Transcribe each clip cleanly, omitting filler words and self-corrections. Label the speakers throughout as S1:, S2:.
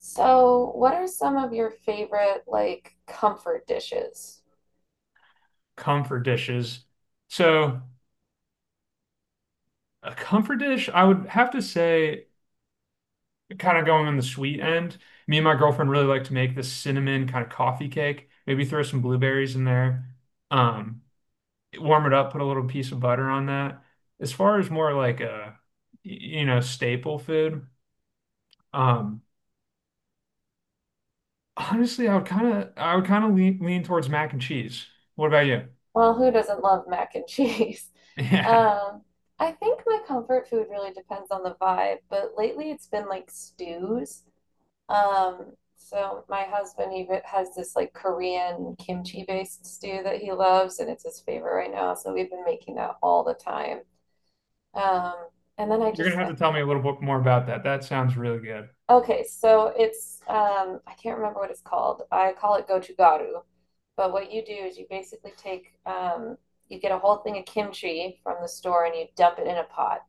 S1: So, what are some of your favorite like comfort dishes?
S2: Comfort dishes. So a comfort dish, I would have to say, kind of going on the sweet end. Me and my girlfriend really like to make this cinnamon kind of coffee cake. Maybe throw some blueberries in there. Um, warm it up, put a little piece of butter on that. As far as more like a, staple food, um, honestly, I would kind of lean towards mac and cheese. What about you?
S1: Well, who doesn't love mac and cheese?
S2: Yeah.
S1: Um, I think my comfort food really depends on the vibe, but lately it's been like stews. So my husband even has this like Korean kimchi based stew that he loves, and it's his favorite right now. So we've been making that all the time. Um, and then I
S2: You're gonna
S1: just.
S2: have to tell me a little bit more about that. That sounds really good.
S1: Okay, so it's I can't remember what it's called. I call it gochugaru. But what you do is you basically take you get a whole thing of kimchi from the store and you dump it in a pot.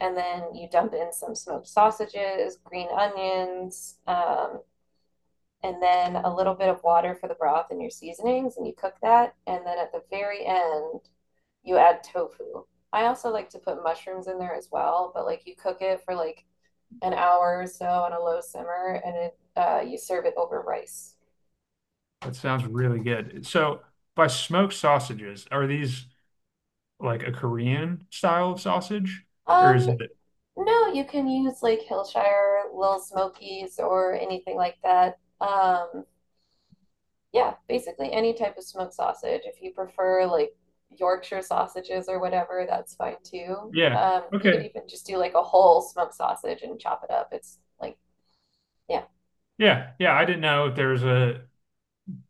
S1: And then you dump in some smoked sausages, green onions, and then a little bit of water for the broth and your seasonings, and you cook that. And then at the very end, you add tofu. I also like to put mushrooms in there as well, but like you cook it for like an hour or so on a low simmer, and it you serve it over rice.
S2: That sounds really good. So, by smoked sausages, are these like a Korean style of sausage, or is
S1: Um,
S2: it?
S1: no, you can use like Hillshire, Little Smokies, or anything like that. Yeah, basically any type of smoked sausage. If you prefer like Yorkshire sausages or whatever, that's fine too.
S2: Yeah.
S1: You could
S2: Okay.
S1: even just do like a whole smoked sausage and chop it up. It's like, yeah.
S2: Yeah. Yeah. I didn't know if there's a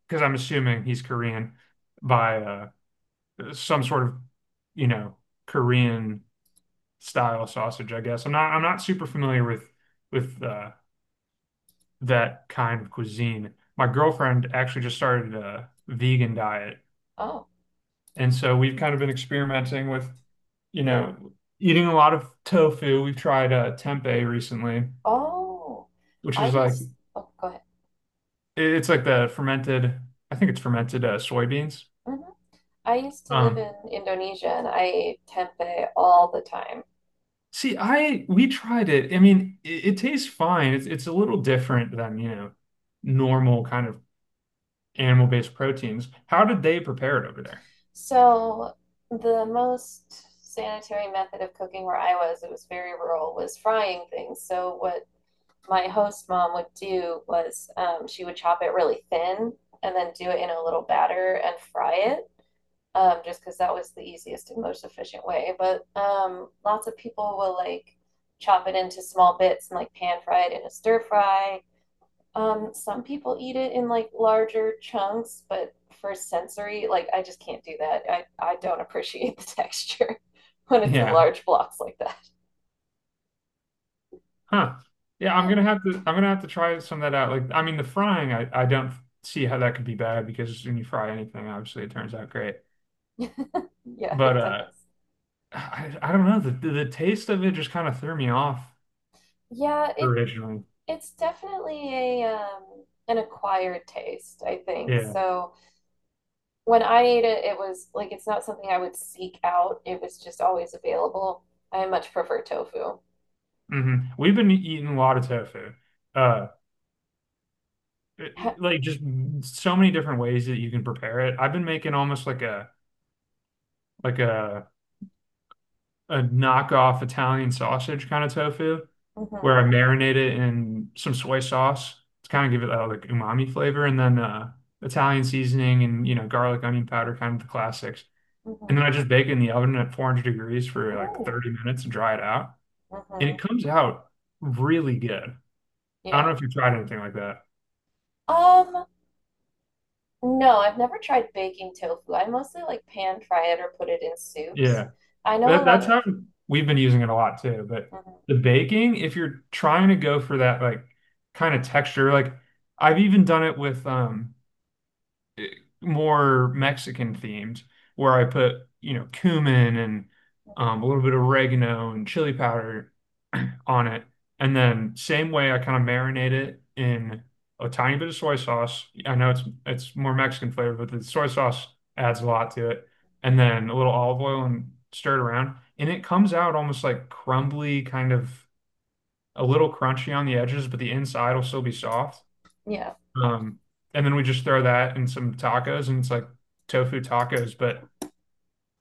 S2: because I'm assuming he's Korean by some sort of, you know, Korean style sausage. I guess I'm not. I'm not super familiar with with uh, that kind of cuisine. My girlfriend actually just started a vegan diet,
S1: Oh,
S2: and so we've kind of been experimenting with. you know, Eating a lot of tofu. We've tried tempeh recently,
S1: oh,
S2: which
S1: I
S2: is like
S1: used. Oh, go ahead.
S2: it's like the fermented, I think it's fermented soybeans.
S1: Mhm. I used to live in
S2: Um,
S1: Indonesia and I ate tempeh all the time.
S2: see, I we tried it. I mean, it tastes fine. It's a little different than, normal kind of animal-based proteins. How did they prepare it over there?
S1: So the most sanitary method of cooking where I was, it was very rural, was frying things. So what my host mom would do was she would chop it really thin and then do it in a little batter and fry it. Just because that was the easiest and most efficient way. But lots of people will like chop it into small bits and like pan fry it in a stir fry. Some people eat it in like larger chunks, but for sensory, like I just can't do that. I don't appreciate the texture when it's in
S2: Yeah.
S1: large blocks like that.
S2: Huh. Yeah, I'm
S1: Yeah.
S2: gonna have to I'm gonna have to try some of that out. Like, I mean, the frying, I don't see how that could be bad because when you fry anything, obviously it turns out great.
S1: Yeah,
S2: But
S1: it
S2: uh
S1: does.
S2: I, I don't know. The taste of it just kind of threw me off
S1: Yeah, it
S2: originally.
S1: it's definitely a an acquired taste, I think.
S2: Yeah.
S1: So when I ate it, it was like it's not something I would seek out. It was just always available. I much prefer tofu.
S2: We've been eating a lot of tofu. Uh, it- it- like just so many different ways that you can prepare it. I've been making almost like a like a knockoff Italian sausage kind of tofu, where I
S1: Hmm.
S2: marinate it in some soy sauce to kind of give it that like umami flavor, and then Italian seasoning and garlic, onion powder, kind of the classics. And then
S1: Hmm.
S2: I just bake it in the oven at 400 degrees for like
S1: Ooh.
S2: 30 minutes and dry it out. And
S1: Hmm.
S2: it comes out really good. I don't know
S1: Yeah.
S2: if you've tried anything like that.
S1: Um, no, I've never tried baking tofu. I mostly like pan fry it or put it in soups.
S2: Yeah.
S1: I know a
S2: That
S1: lot
S2: that's
S1: of,
S2: how we've been using it a lot too. But
S1: mhm,
S2: the baking, if you're trying to go for that like kind of texture, like I've even done it with more Mexican themed where I put, cumin and
S1: mhm,
S2: a little bit of oregano and chili powder on it. And then same way I kind of marinate it in a tiny bit of soy sauce. I know it's more Mexican flavor, but the soy sauce adds a lot to it. And then a little olive oil and stir it around. And it comes out almost like crumbly, kind of a little crunchy on the edges, but the inside will still be soft.
S1: yeah.
S2: Um, and then we just throw that in some tacos, and it's like tofu tacos, but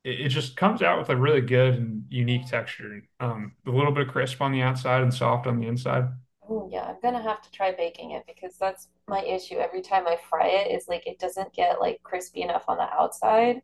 S2: it just comes out with a really good and unique texture. A little bit of crisp on the outside and soft on the inside.
S1: Oh, yeah, I'm gonna have to try baking it because that's my issue. Every time I fry it, it's like it doesn't get like crispy enough on the outside.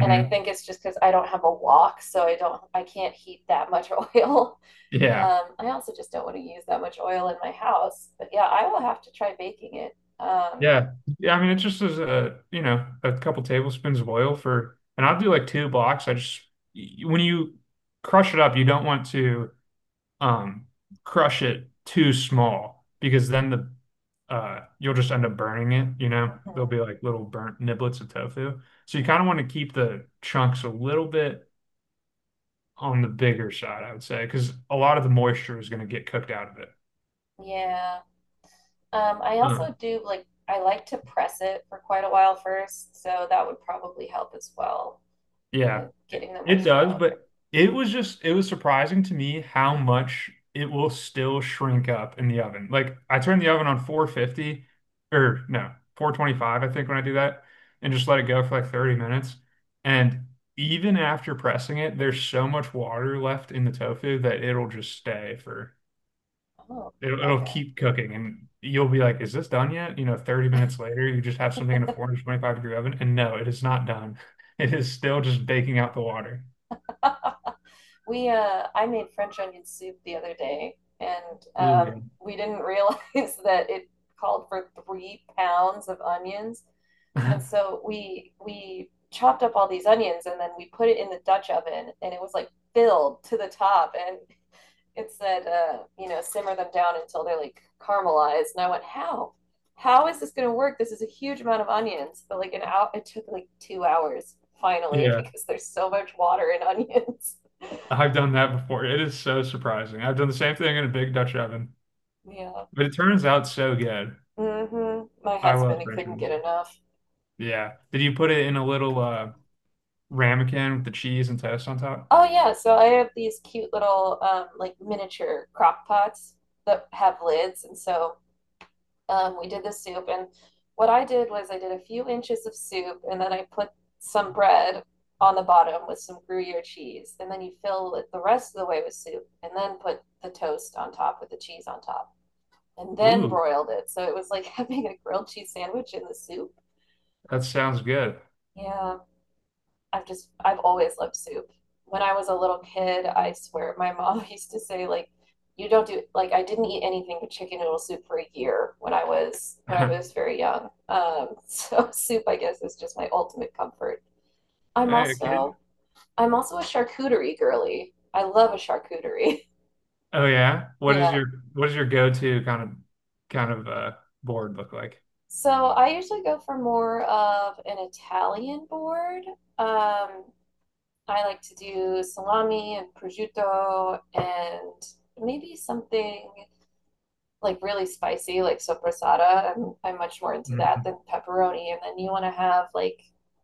S1: And I think it's just because I don't have a wok, so I don't, I can't heat that much oil.
S2: Yeah.
S1: I also just don't want to use that much oil in my house. But yeah, I will have to try baking it.
S2: Yeah. Yeah. I mean, it just is a, a couple tablespoons of oil for, and I'll do like two blocks. I just, when you crush it up, you don't want to um crush it too small because then the you'll just end up burning it, you know? There'll
S1: Mhm,
S2: be like little burnt niblets of tofu. So you kind
S1: yeah.
S2: of want to keep the chunks a little bit on the bigger side, I would say, because a lot of the moisture is going to get cooked out of it.
S1: Yeah. I also
S2: Mm.
S1: do like I like to press it for quite a while first, so that would probably help as well
S2: Yeah,
S1: in getting the
S2: it
S1: moisture
S2: does,
S1: out.
S2: but it was surprising to me how much it will still shrink up in the oven. Like I turn the oven on 450, or no, 425, I think, when I do that, and just let it go for like 30 minutes, and even after pressing it there's so much water left in the tofu that it'll just stay for
S1: Oh,
S2: it'll
S1: okay.
S2: keep cooking, and you'll be like, is this done yet? You know, 30 minutes later you just have something in a 425 degree oven and no, it is not done. It is still just baking out the water.
S1: We I made French onion soup the other day and
S2: Ooh,
S1: we didn't realize that it called for 3 pounds of onions. And so we chopped up all these onions and then we put it in the Dutch oven and it was like filled to the top, and it said you know, simmer them down until they're like caramelized, and I went how is this going to work, this is a huge amount of onions, but like an hour, it took like 2 hours finally
S2: yeah,
S1: because there's so much water in onions.
S2: I've done that before. It is so surprising. I've done the same thing in a big Dutch oven,
S1: Yeah.
S2: but it turns out so good.
S1: Hmm, my
S2: I
S1: husband,
S2: love
S1: he
S2: French
S1: couldn't get
S2: fries.
S1: enough.
S2: Yeah. Did you put it in a little ramekin with the cheese and toast on top?
S1: Oh yeah, so I have these cute little like miniature crock pots that have lids, and so we did the soup, and what I did was I did a few inches of soup, and then I put some bread on the bottom with some Gruyere cheese, and then you fill it the rest of the way with soup, and then put the toast on top with the cheese on top, and then
S2: Ooh,
S1: broiled it. So it was like having a grilled cheese sandwich in the soup.
S2: that sounds good.
S1: Yeah. I've just I've always loved soup. When I was a little kid, I swear my mom used to say like you don't do like I didn't eat anything but chicken noodle soup for a year when I was very young. So soup I guess is just my ultimate comfort. I'm
S2: Hey, kid.
S1: also I'm also a charcuterie girly. I love a charcuterie.
S2: Oh yeah. What is
S1: Yeah.
S2: your what is your go-to kind of kind of board look like?
S1: So I usually go for more of an Italian board. Um, I like to do salami and prosciutto, and maybe something like really spicy, like sopressata. I'm much more into that
S2: Hmm.
S1: than pepperoni. And then you want to have like,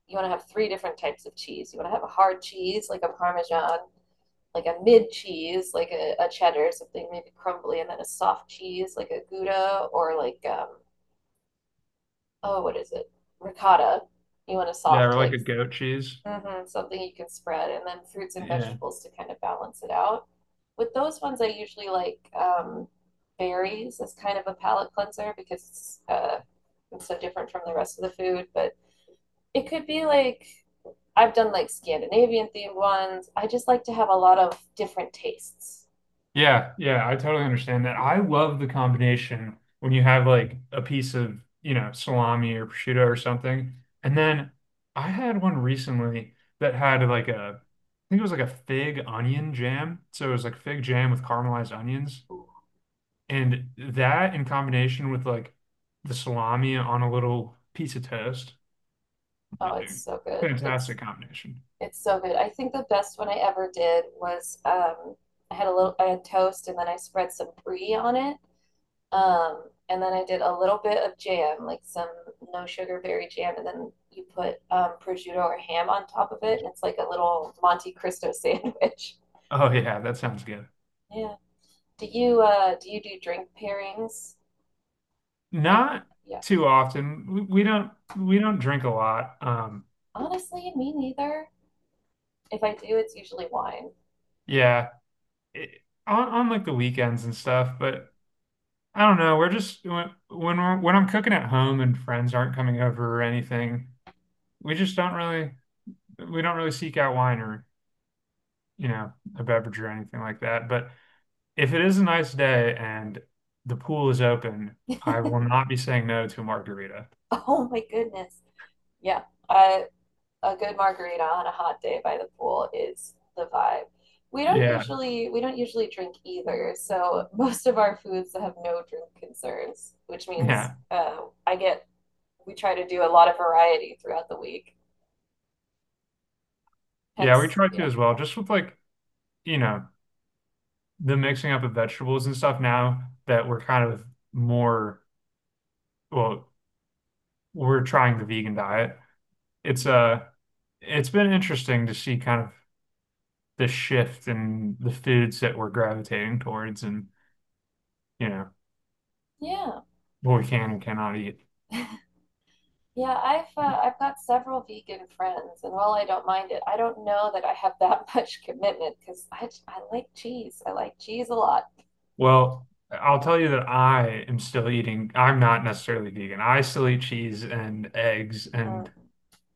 S1: you want to have three different types of cheese. You want to have a hard cheese, like a Parmesan, like a mid cheese, like a cheddar, something maybe crumbly, and then a soft cheese, like a Gouda, or like, oh, what is it? Ricotta. You want a
S2: Yeah, or
S1: soft,
S2: like a
S1: like,
S2: goat cheese.
S1: mhm, something you can spread, and then fruits and
S2: Yeah.
S1: vegetables to kind of balance it out. With those ones, I usually like berries as kind of a palate cleanser, because it's so different from the rest of the food. But it could be like I've done like Scandinavian themed ones. I just like to have a lot of different tastes.
S2: Yeah, yeah, I totally understand that. I love the combination when you have like a piece of, salami or prosciutto or something. And then I had one recently that had like a, I think it was like a fig onion jam. So it was like fig jam with caramelized onions. And that in combination with like the salami on a little piece of toast, eh,
S1: Oh, it's
S2: eh,
S1: so good.
S2: fantastic combination.
S1: It's so good. I think the best one I ever did was I had toast and then I spread some brie on it. And then I did a little bit of jam, like some no sugar berry jam, and then you put prosciutto or ham on top of it, and it's like a little Monte Cristo sandwich.
S2: Oh yeah, that sounds good.
S1: Yeah. Do you do you do drink pairings with?
S2: Not
S1: Yeah.
S2: too often. We don't drink a lot. Um,
S1: Honestly, me neither. If I do, it's usually wine.
S2: Yeah, it, on like the weekends and stuff, but I don't know. We're just when we're, when I'm cooking at home and friends aren't coming over or anything, we just don't really we don't really seek out wine or you know a beverage or anything like that. But if it is a nice day and the pool is open, I will not be saying no to a margarita.
S1: Oh my goodness. Yeah. A good margarita on a hot day by the pool is the vibe.
S2: Yeah,
S1: We don't usually drink either, so most of our foods have no drink concerns, which means
S2: yeah,
S1: I get we try to do a lot of variety throughout the week.
S2: yeah. We
S1: Hence,
S2: try to
S1: yeah,
S2: as well, just with like you know the mixing up of vegetables and stuff now that we're kind of more, well, we're trying the vegan diet. It's uh it's been interesting to see kind of the shift in the foods that we're gravitating towards and you know
S1: yeah,
S2: what we can and cannot eat.
S1: yeah. I've got several vegan friends, and while I don't mind it, I don't know that I have that much commitment because I like cheese. I like cheese a lot.
S2: Well, I'll tell you that I am still eating. I'm not necessarily vegan. I still eat cheese and eggs and,
S1: Mm-hmm.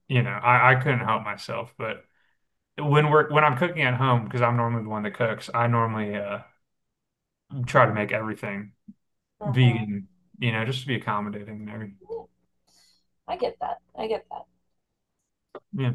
S2: I couldn't help myself, but when we're when I'm cooking at home, because I'm normally the one that cooks, I normally try to make everything
S1: Yeah,
S2: vegan, just to be accommodating and everything.
S1: I get that. I get that.
S2: Yeah.